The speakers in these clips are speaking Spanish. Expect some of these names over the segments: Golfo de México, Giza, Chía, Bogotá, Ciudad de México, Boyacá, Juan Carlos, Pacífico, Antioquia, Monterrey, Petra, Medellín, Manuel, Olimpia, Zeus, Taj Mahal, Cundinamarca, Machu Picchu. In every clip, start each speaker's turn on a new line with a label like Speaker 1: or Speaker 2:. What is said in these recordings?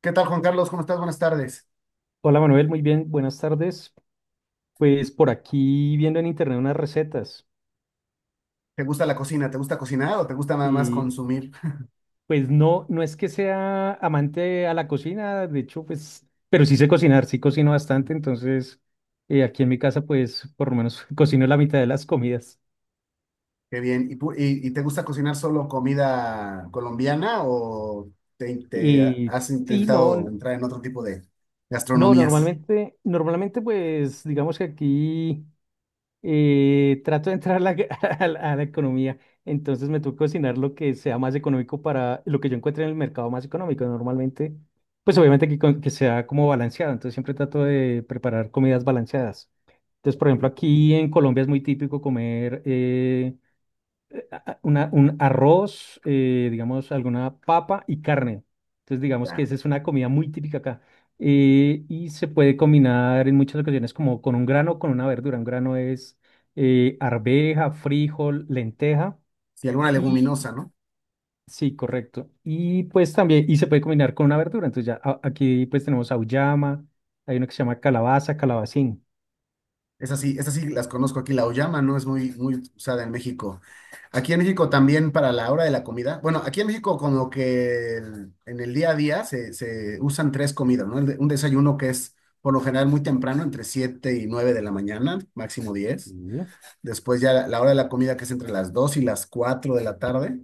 Speaker 1: ¿Qué tal, Juan Carlos? ¿Cómo estás? Buenas tardes.
Speaker 2: Hola Manuel, muy bien, buenas tardes. Pues por aquí viendo en internet unas recetas
Speaker 1: ¿Te gusta la cocina? ¿Te gusta cocinar o te gusta nada más
Speaker 2: y
Speaker 1: consumir?
Speaker 2: pues no, no es que sea amante a la cocina, de hecho pues, pero sí sé cocinar, sí cocino bastante, entonces aquí en mi casa pues por lo menos cocino la mitad de las comidas.
Speaker 1: Qué bien. ¿Y te gusta cocinar solo comida colombiana o te
Speaker 2: Y
Speaker 1: has
Speaker 2: sí, no,
Speaker 1: intentado
Speaker 2: no,
Speaker 1: entrar en otro tipo de
Speaker 2: no,
Speaker 1: gastronomías?
Speaker 2: normalmente pues digamos que aquí trato de entrar a la, a la economía, entonces me toca cocinar lo que sea más económico para lo que yo encuentre en el mercado más económico. Normalmente, pues obviamente que, que sea como balanceado, entonces siempre trato de preparar comidas balanceadas. Entonces, por ejemplo,
Speaker 1: Sí,
Speaker 2: aquí en Colombia es muy típico comer un arroz, digamos, alguna papa y carne. Entonces, digamos que
Speaker 1: ya.
Speaker 2: esa es una comida muy típica acá. Y se puede combinar en muchas ocasiones como con un grano o con una verdura. Un grano es arveja, frijol, lenteja.
Speaker 1: Si alguna
Speaker 2: Y
Speaker 1: leguminosa, ¿no?
Speaker 2: sí, correcto. Y pues también, y se puede combinar con una verdura. Entonces ya aquí pues tenemos auyama, hay uno que se llama calabaza, calabacín.
Speaker 1: Esas sí las conozco aquí, la auyama, ¿no? Es muy, muy usada en México. Aquí en México también para la hora de la comida. Bueno, aquí en México como que en el día a día se usan tres comidas, ¿no? Un desayuno que es por lo general muy temprano, entre 7 y 9 de la mañana, máximo 10. Después ya la hora de la comida que es entre las 2 y las 4 de la tarde.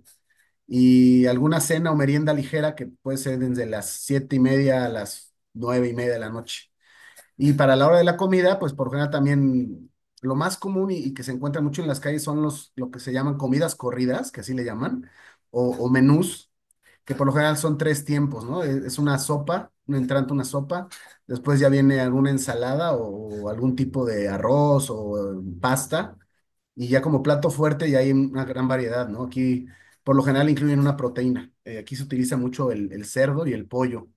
Speaker 1: Y alguna cena o merienda ligera que puede ser desde las 7:30 a las 9:30 de la noche. Y para la hora de la comida, pues por general también lo más común y que se encuentra mucho en las calles son lo que se llaman comidas corridas, que así le llaman, o menús, que por lo general son tres tiempos, ¿no? Es una sopa, un entrante, una sopa, después ya viene alguna ensalada o algún tipo de arroz o pasta, y ya como plato fuerte ya hay una gran variedad, ¿no? Aquí por lo general incluyen una proteína. Aquí se utiliza mucho el cerdo y el pollo,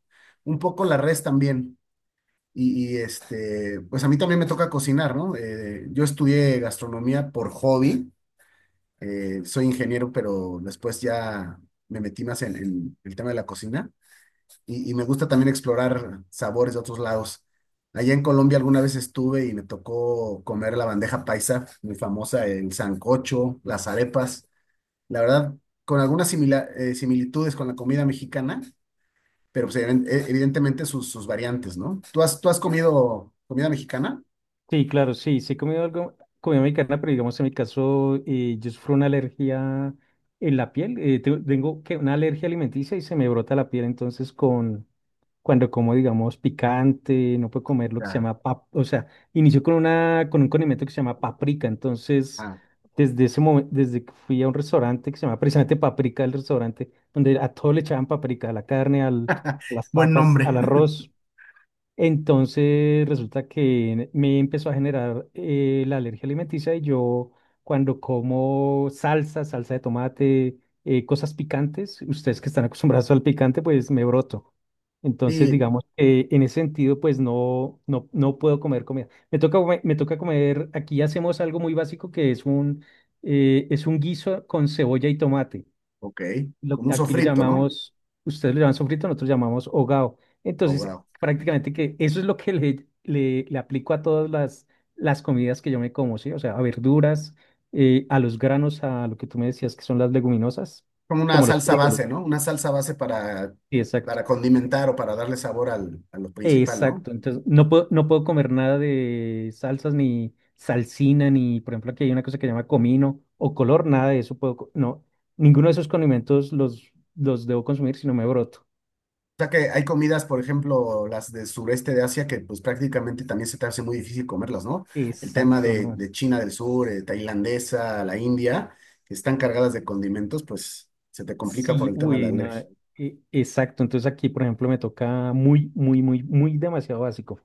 Speaker 1: un poco la res también pues a mí también me toca cocinar, ¿no? Yo estudié gastronomía por hobby, soy ingeniero, pero después ya me metí más en el tema de la cocina y me gusta también explorar sabores de otros lados. Allá en Colombia alguna vez estuve y me tocó comer la bandeja paisa, muy famosa, el sancocho, las arepas, la verdad, con algunas similitudes con la comida mexicana, pero pues, evidentemente sus variantes, ¿no? ¿Tú has comido comida mexicana?
Speaker 2: Sí, claro, sí, sí he comido algo, comida mexicana, pero digamos en mi caso, yo sufro una alergia en la piel, tengo que una alergia alimenticia y se me brota la piel, entonces cuando como, digamos, picante, no puedo comer lo que se
Speaker 1: Ya.
Speaker 2: llama, pap o sea, inició con un condimento que se llama paprika, entonces,
Speaker 1: Ah,
Speaker 2: desde ese momento, desde que fui a un restaurante que se llama precisamente paprika, el restaurante, donde a todo le echaban paprika, a la carne, a las
Speaker 1: buen
Speaker 2: papas, al
Speaker 1: nombre.
Speaker 2: arroz, entonces resulta que me empezó a generar la alergia alimenticia y yo cuando como salsa, salsa de tomate, cosas picantes, ustedes que están acostumbrados al picante, pues me broto. Entonces
Speaker 1: Sí,
Speaker 2: digamos que en ese sentido pues no, no, no puedo comer comida. Me toca, me toca comer, aquí hacemos algo muy básico que es un, es un guiso con cebolla y tomate
Speaker 1: ok. Como un
Speaker 2: aquí lo
Speaker 1: sofrito, ¿no?
Speaker 2: llamamos, ustedes lo llaman sofrito, nosotros lo llamamos hogao. Entonces,
Speaker 1: Ahogado.
Speaker 2: prácticamente que eso es lo que le aplico a todas las comidas que yo me como, ¿sí? O sea, a verduras, a los granos, a lo que tú me decías que son las leguminosas,
Speaker 1: Como una
Speaker 2: como los
Speaker 1: salsa
Speaker 2: frijoles.
Speaker 1: base, ¿no? Una salsa base
Speaker 2: Sí, exacto.
Speaker 1: para condimentar o para darle sabor al, a lo principal, ¿no?
Speaker 2: Exacto. Entonces, no puedo comer nada de salsas, ni salsina, ni, por ejemplo, aquí hay una cosa que se llama comino o color, nada de eso puedo, no, ninguno de esos condimentos los debo consumir si no me broto.
Speaker 1: O sea que hay comidas, por ejemplo, las del sureste de Asia, que pues prácticamente también se te hace muy difícil comerlas, ¿no? El tema
Speaker 2: Exacto, ¿no?
Speaker 1: de China del Sur, tailandesa, la India, que están cargadas de condimentos, pues se te complica por
Speaker 2: Sí,
Speaker 1: el tema de la
Speaker 2: uy, no,
Speaker 1: alergia.
Speaker 2: exacto. Entonces aquí, por ejemplo, me toca muy, muy, muy, muy demasiado básico.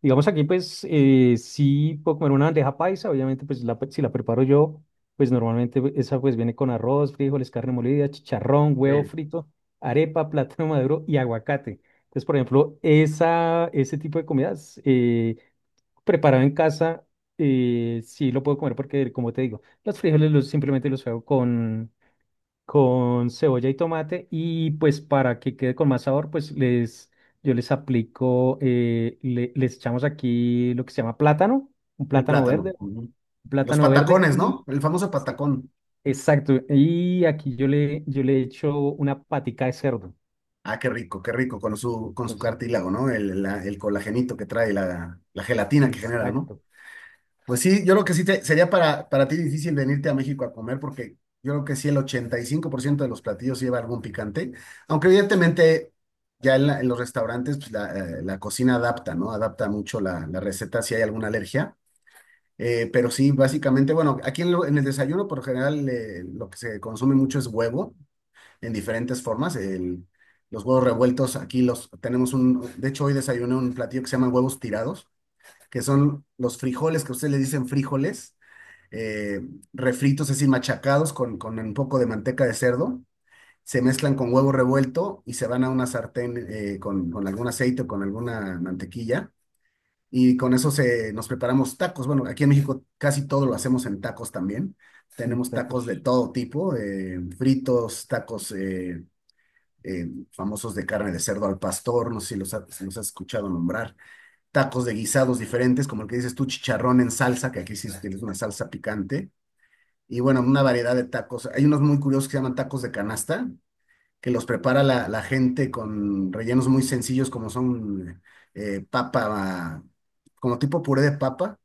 Speaker 2: Digamos aquí, pues, sí puedo comer una bandeja paisa, obviamente, pues, si la preparo yo, pues, normalmente pues, esa, pues, viene con arroz, frijoles, carne molida, chicharrón, huevo
Speaker 1: Sí.
Speaker 2: frito, arepa, plátano maduro y aguacate. Entonces, por ejemplo, ese tipo de comidas preparado en casa, sí lo puedo comer porque, como te digo, los frijoles simplemente los hago con cebolla y tomate y pues para que quede con más sabor, pues yo les aplico, les echamos aquí lo que se llama plátano, un
Speaker 1: El
Speaker 2: plátano
Speaker 1: plátano.
Speaker 2: verde,
Speaker 1: Ujú.
Speaker 2: un
Speaker 1: Los
Speaker 2: plátano verde
Speaker 1: patacones, ¿no?
Speaker 2: y
Speaker 1: El famoso
Speaker 2: sí,
Speaker 1: patacón.
Speaker 2: exacto, y aquí yo le echo una patica de cerdo.
Speaker 1: Ah, qué rico con su
Speaker 2: Entonces,
Speaker 1: cartílago, ¿no? El colagenito que trae, la gelatina que genera, ¿no?
Speaker 2: exacto,
Speaker 1: Pues sí, yo creo que sería para ti difícil venirte a México a comer porque yo creo que sí el 85% de los platillos lleva algún picante, aunque evidentemente ya en los restaurantes pues, la, la cocina adapta, ¿no? Adapta mucho la, la receta si hay alguna alergia. Pero sí, básicamente, bueno, en el desayuno por general lo que se consume mucho es huevo en diferentes formas. Los huevos revueltos, aquí los tenemos de hecho hoy desayuné un platillo que se llama huevos tirados, que son los frijoles que ustedes le dicen frijoles, eh, refritos, es decir, machacados con un poco de manteca de cerdo, se mezclan con huevo revuelto y se van a una sartén con algún aceite o con alguna mantequilla. Y con eso se, nos preparamos tacos. Bueno, aquí en México casi todo lo hacemos en tacos también. Tenemos
Speaker 2: exacto.
Speaker 1: tacos de todo tipo, fritos, tacos, famosos de carne de cerdo al pastor, no sé si los has escuchado nombrar, tacos de guisados diferentes, como el que dices tú, chicharrón en salsa, que aquí sí tienes una salsa picante, y bueno, una variedad de tacos. Hay unos muy curiosos que se llaman tacos de canasta, que los prepara la gente con rellenos muy sencillos como son papa, como tipo puré de papa,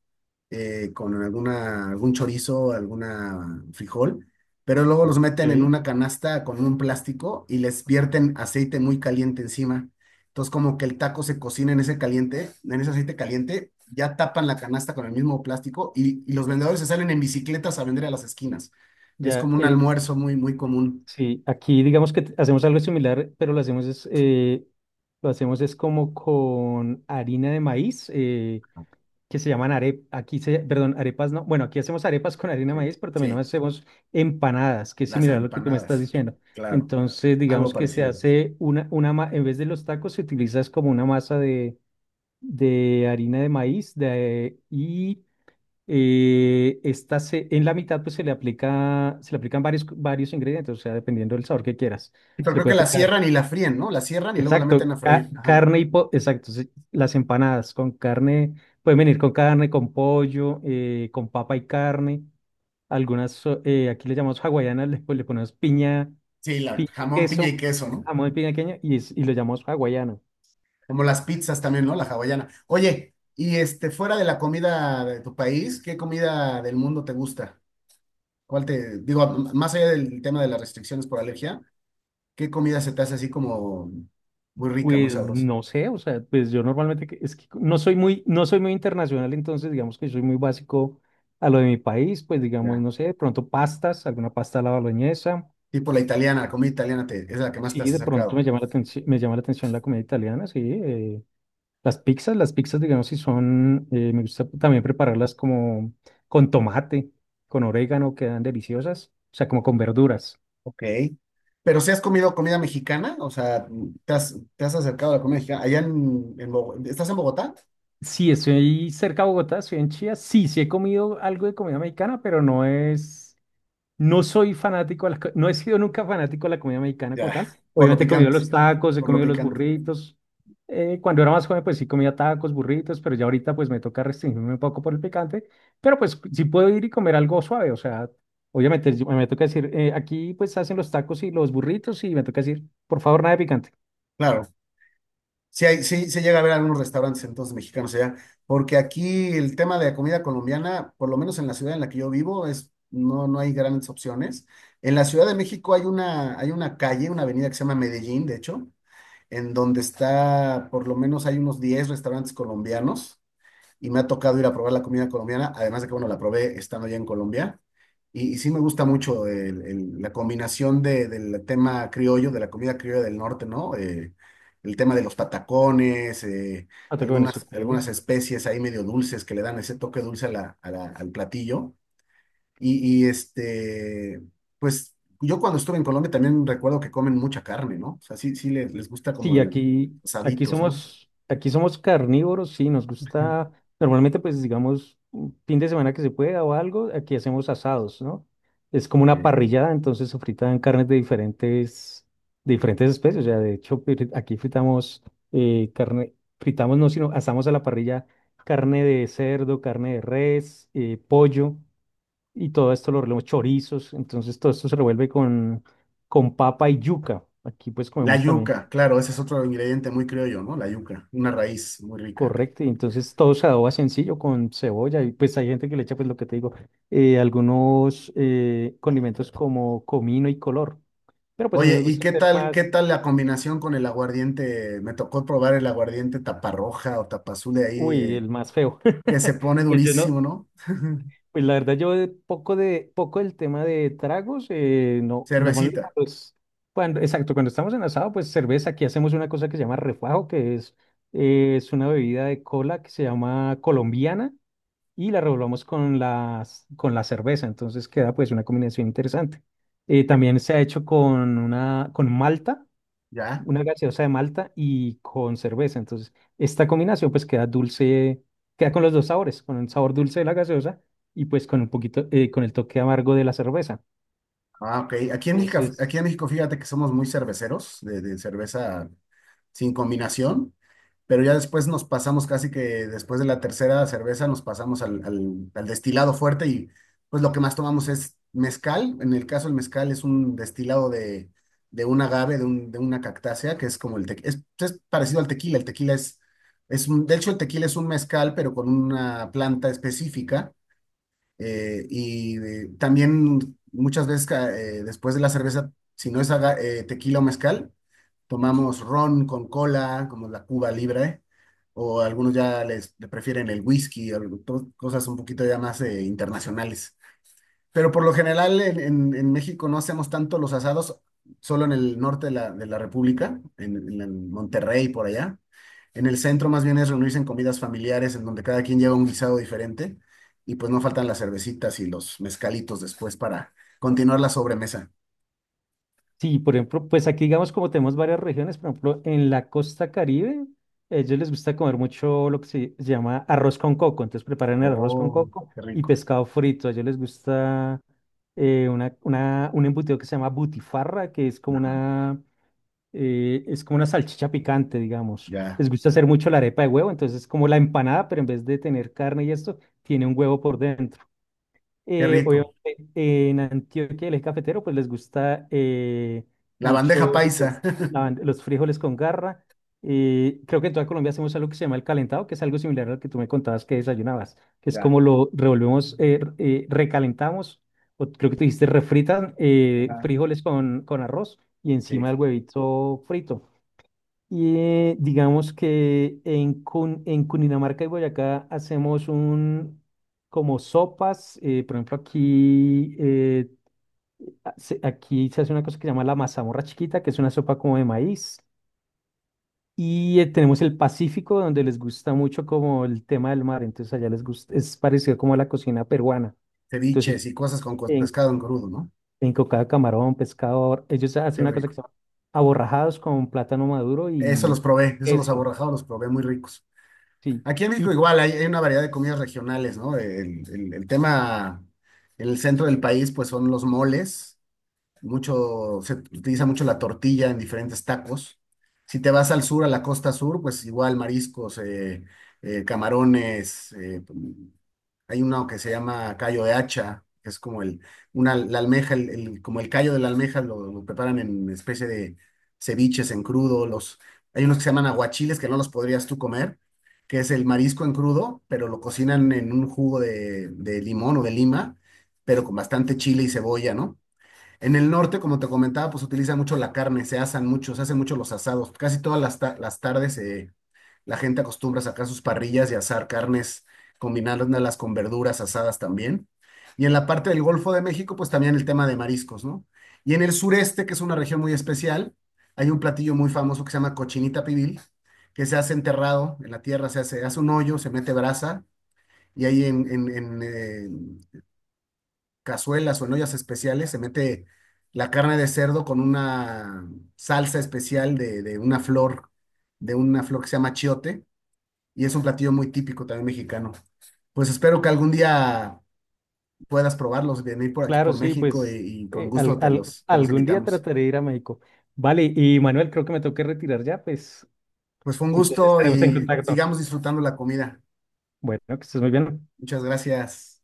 Speaker 1: con alguna, algún chorizo, alguna frijol, pero luego los meten en
Speaker 2: Ok.
Speaker 1: una canasta con un plástico y les vierten aceite muy caliente encima. Entonces como que el taco se cocina en ese caliente, en ese aceite caliente, ya tapan la canasta con el mismo plástico y los vendedores se salen en bicicletas a vender a las esquinas. Es
Speaker 2: Ya,
Speaker 1: como un almuerzo muy, muy común.
Speaker 2: sí, aquí digamos que hacemos algo similar, pero lo hacemos es como con harina de maíz. Que se llaman arepas, aquí perdón, arepas no, bueno, aquí hacemos arepas con harina de
Speaker 1: Sí,
Speaker 2: maíz, pero también
Speaker 1: sí.
Speaker 2: hacemos empanadas, que es
Speaker 1: Las
Speaker 2: similar a lo que tú me estás
Speaker 1: empanadas,
Speaker 2: diciendo.
Speaker 1: claro,
Speaker 2: Entonces,
Speaker 1: algo
Speaker 2: digamos que se
Speaker 1: parecido.
Speaker 2: hace una en vez de los tacos, se utiliza es como una masa de harina de maíz y esta en la mitad pues se le aplican varios ingredientes, o sea, dependiendo del sabor que quieras.
Speaker 1: Pero
Speaker 2: Se le
Speaker 1: creo que
Speaker 2: puede
Speaker 1: la
Speaker 2: aplicar.
Speaker 1: cierran y la fríen, ¿no? La cierran y luego la meten a
Speaker 2: Exacto,
Speaker 1: freír. Ajá.
Speaker 2: carne y exacto, sí, las empanadas con carne, pueden venir con carne, con pollo, con papa y carne, aquí le llamamos hawaianas, le ponemos piña,
Speaker 1: Sí, la
Speaker 2: piña y
Speaker 1: jamón, piña y
Speaker 2: queso,
Speaker 1: queso, ¿no?
Speaker 2: jamón y piña queña, y lo llamamos hawaiano.
Speaker 1: Como las pizzas también, ¿no? La hawaiana. Oye, fuera de la comida de tu país, ¿qué comida del mundo te gusta? ¿Cuál te, digo, más allá del tema de las restricciones por alergia, ¿qué comida se te hace así como muy rica, muy
Speaker 2: Pues
Speaker 1: sabrosa?
Speaker 2: no sé, o sea, pues yo normalmente, es que no soy muy internacional, entonces digamos que soy muy básico a lo de mi país, pues digamos,
Speaker 1: Ya.
Speaker 2: no sé, de pronto pastas, alguna pasta a la boloñesa.
Speaker 1: Tipo la italiana, la comida italiana te, es la que más te
Speaker 2: Sí,
Speaker 1: has
Speaker 2: de pronto
Speaker 1: acercado.
Speaker 2: me llama la atención, me llama la atención la comida italiana, sí. Las pizzas, digamos, si son, me gusta también prepararlas como con tomate, con orégano, quedan deliciosas, o sea, como con verduras.
Speaker 1: Ok. Pero si has comido comida mexicana, o sea, te has acercado a la comida mexicana. Allá en Bogotá, ¿estás en Bogotá?
Speaker 2: Sí, estoy cerca de Bogotá, estoy en Chía, sí, sí he comido algo de comida mexicana, pero no es. No soy fanático, no he sido nunca fanático de la comida mexicana como
Speaker 1: Ya,
Speaker 2: tal.
Speaker 1: por lo
Speaker 2: Obviamente he comido
Speaker 1: picante,
Speaker 2: los tacos, he
Speaker 1: por lo
Speaker 2: comido los
Speaker 1: picante.
Speaker 2: burritos. Cuando era más joven, pues sí comía tacos, burritos, pero ya ahorita pues me toca restringirme un poco por el picante. Pero pues sí puedo ir y comer algo suave, o sea, obviamente me toca decir, aquí pues hacen los tacos y los burritos y me toca decir, por favor, nada de picante.
Speaker 1: Claro, sí, hay, sí, se llega a ver algunos restaurantes entonces mexicanos allá, porque aquí el tema de la comida colombiana, por lo menos en la ciudad en la que yo vivo, es, no, no hay grandes opciones. En la Ciudad de México hay una calle, una avenida que se llama Medellín, de hecho, en donde está, por lo menos hay unos 10 restaurantes colombianos y me ha tocado ir a probar la comida colombiana, además de que, bueno, la probé estando ya en Colombia. Y sí me gusta mucho la combinación del tema criollo, de la comida criolla del norte, ¿no? El tema de los patacones,
Speaker 2: Ah, toca
Speaker 1: algunas, algunas
Speaker 2: Venezuela.
Speaker 1: especies ahí medio dulces que le dan ese toque dulce a al platillo. Y pues yo cuando estuve en Colombia también recuerdo que comen mucha carne, ¿no? O sea, sí, sí les gusta como
Speaker 2: Sí,
Speaker 1: el,
Speaker 2: aquí, aquí
Speaker 1: asaditos, ¿no?
Speaker 2: somos, aquí somos carnívoros, sí, nos gusta, normalmente pues digamos, un fin de semana que se pueda o algo, aquí hacemos asados, ¿no? Es como una parrillada, entonces se fritan carnes de diferentes, especies, o sea, de hecho aquí fritamos carne, fritamos no, sino asamos a la parrilla carne de cerdo, carne de res, pollo, y todo esto lo revolvemos, chorizos, entonces todo esto se revuelve con papa y yuca, aquí pues
Speaker 1: La
Speaker 2: comemos también.
Speaker 1: yuca, claro, ese es otro ingrediente muy criollo, ¿no? La yuca, una raíz muy rica acá.
Speaker 2: Correcto, y entonces todo se adoba sencillo con cebolla y pues hay gente que le echa pues lo que te digo, algunos condimentos como comino y color, pero pues a mí
Speaker 1: Oye,
Speaker 2: me
Speaker 1: ¿y
Speaker 2: gusta hacer
Speaker 1: qué
Speaker 2: más.
Speaker 1: tal la combinación con el aguardiente? Me tocó probar el aguardiente taparroja o tapazul de ahí,
Speaker 2: Uy, el más feo.
Speaker 1: que se pone
Speaker 2: Pues yo no,
Speaker 1: durísimo, ¿no?
Speaker 2: pues la verdad yo de poco del tema de tragos, no, normalmente
Speaker 1: Cervecita,
Speaker 2: exacto, cuando estamos en asado, pues cerveza, aquí hacemos una cosa que se llama refajo, que es una bebida de cola que se llama colombiana y la revolvamos con la cerveza. Entonces queda pues una combinación interesante. También se ha hecho con malta,
Speaker 1: ¿ya?
Speaker 2: una gaseosa de malta y con cerveza. Entonces esta combinación pues queda dulce, queda con los dos sabores, con el sabor dulce de la gaseosa y pues con un poquito, con el toque amargo de la cerveza.
Speaker 1: Ah, ok. Aquí
Speaker 2: Entonces.
Speaker 1: en México, fíjate que somos muy cerveceros, de cerveza sin combinación. Pero ya después nos pasamos casi que después de la tercera cerveza nos pasamos al destilado fuerte y pues lo que más tomamos es mezcal. En el caso el mezcal es un destilado de un agave, de una cactácea, que es como el tequila, es parecido al tequila, el tequila es un- de hecho el tequila es un mezcal, pero con una planta específica y también muchas veces después de la cerveza, si no es tequila o mezcal, tomamos ron con cola, como la Cuba Libre, o algunos ya le prefieren el whisky, o cosas un poquito ya más internacionales. Pero por lo general en México no hacemos tanto los asados, solo en el norte de la República, en Monterrey, por allá. En el centro más bien es reunirse en comidas familiares en donde cada quien lleva un guisado diferente y pues no faltan las cervecitas y los mezcalitos después para continuar la sobremesa.
Speaker 2: Sí, por ejemplo, pues aquí digamos como tenemos varias regiones, por ejemplo, en la costa Caribe, a ellos les gusta comer mucho lo que se llama arroz con coco, entonces preparan el arroz con
Speaker 1: Oh,
Speaker 2: coco
Speaker 1: qué
Speaker 2: y
Speaker 1: rico.
Speaker 2: pescado frito, a ellos les gusta un embutido que se llama butifarra, que es como
Speaker 1: Ajá.
Speaker 2: una, eh, es como una salchicha picante, digamos.
Speaker 1: Ya,
Speaker 2: Les gusta hacer mucho la arepa de huevo, entonces es como la empanada, pero en vez de tener carne y esto, tiene un huevo por dentro.
Speaker 1: qué
Speaker 2: Eh,
Speaker 1: rico.
Speaker 2: obviamente, en Antioquia, el eje cafetero, pues les gusta
Speaker 1: La bandeja
Speaker 2: mucho
Speaker 1: paisa.
Speaker 2: pues, los frijoles con garra. Creo que en toda Colombia hacemos algo que se llama el calentado, que es algo similar al que tú me contabas que desayunabas, que es
Speaker 1: Ya,
Speaker 2: como lo revolvemos, recalentamos, o creo que tú dijiste refritan
Speaker 1: ajá,
Speaker 2: frijoles con arroz y
Speaker 1: sí.
Speaker 2: encima el huevito frito. Y digamos que en Cundinamarca y Boyacá hacemos un como sopas. Por ejemplo, aquí se hace una cosa que se llama la mazamorra chiquita, que es una sopa como de maíz. Y tenemos el Pacífico, donde les gusta mucho como el tema del mar. Entonces allá les gusta, es parecido como a la cocina peruana. Entonces
Speaker 1: Ceviches y cosas con
Speaker 2: en,
Speaker 1: pescado en crudo, ¿no?
Speaker 2: en cocada, camarón, pescador, ellos hacen
Speaker 1: Qué
Speaker 2: una cosa
Speaker 1: rico.
Speaker 2: que se llama aborrajados con plátano maduro
Speaker 1: Eso los
Speaker 2: y
Speaker 1: probé, eso los
Speaker 2: eso.
Speaker 1: aborrajados los probé muy ricos.
Speaker 2: Sí.
Speaker 1: Aquí en México igual hay, hay una variedad de comidas regionales, ¿no? El tema en el centro del país, pues son los moles. Mucho, se utiliza mucho la tortilla en diferentes tacos. Si te vas al sur, a la costa sur, pues igual mariscos, camarones, hay uno que se llama callo de hacha, que es como el, una, la almeja, como el callo de la almeja lo preparan en especie de ceviches en crudo. Los, hay unos que se llaman aguachiles que no los podrías tú comer, que es el marisco en crudo, pero lo cocinan en un jugo de limón o de lima, pero con bastante chile y cebolla, ¿no? En el norte, como te comentaba, pues utilizan mucho la carne, se asan mucho, se hacen mucho los asados. Casi todas las tardes la gente acostumbra a sacar sus parrillas y asar carnes, combinándolas con verduras asadas también. Y en la parte del Golfo de México, pues también el tema de mariscos, ¿no? Y en el sureste, que es una región muy especial, hay un platillo muy famoso que se llama cochinita pibil, que se hace enterrado en la tierra, se hace, hace un hoyo, se mete brasa y ahí cazuelas o en ollas especiales, se mete la carne de cerdo con una salsa especial de una flor, de una flor que se llama chiote, y es un platillo muy típico también mexicano. Pues espero que algún día puedas probarlos, venir por aquí
Speaker 2: Claro,
Speaker 1: por
Speaker 2: sí,
Speaker 1: México
Speaker 2: pues
Speaker 1: y con gusto te los, te los
Speaker 2: algún día
Speaker 1: invitamos.
Speaker 2: trataré de ir a México. Vale, y Manuel, creo que me tengo que retirar ya, pues
Speaker 1: Pues fue un
Speaker 2: entonces
Speaker 1: gusto
Speaker 2: estaremos en
Speaker 1: y
Speaker 2: contacto.
Speaker 1: sigamos disfrutando la comida.
Speaker 2: Bueno, que estés muy bien.
Speaker 1: Muchas gracias.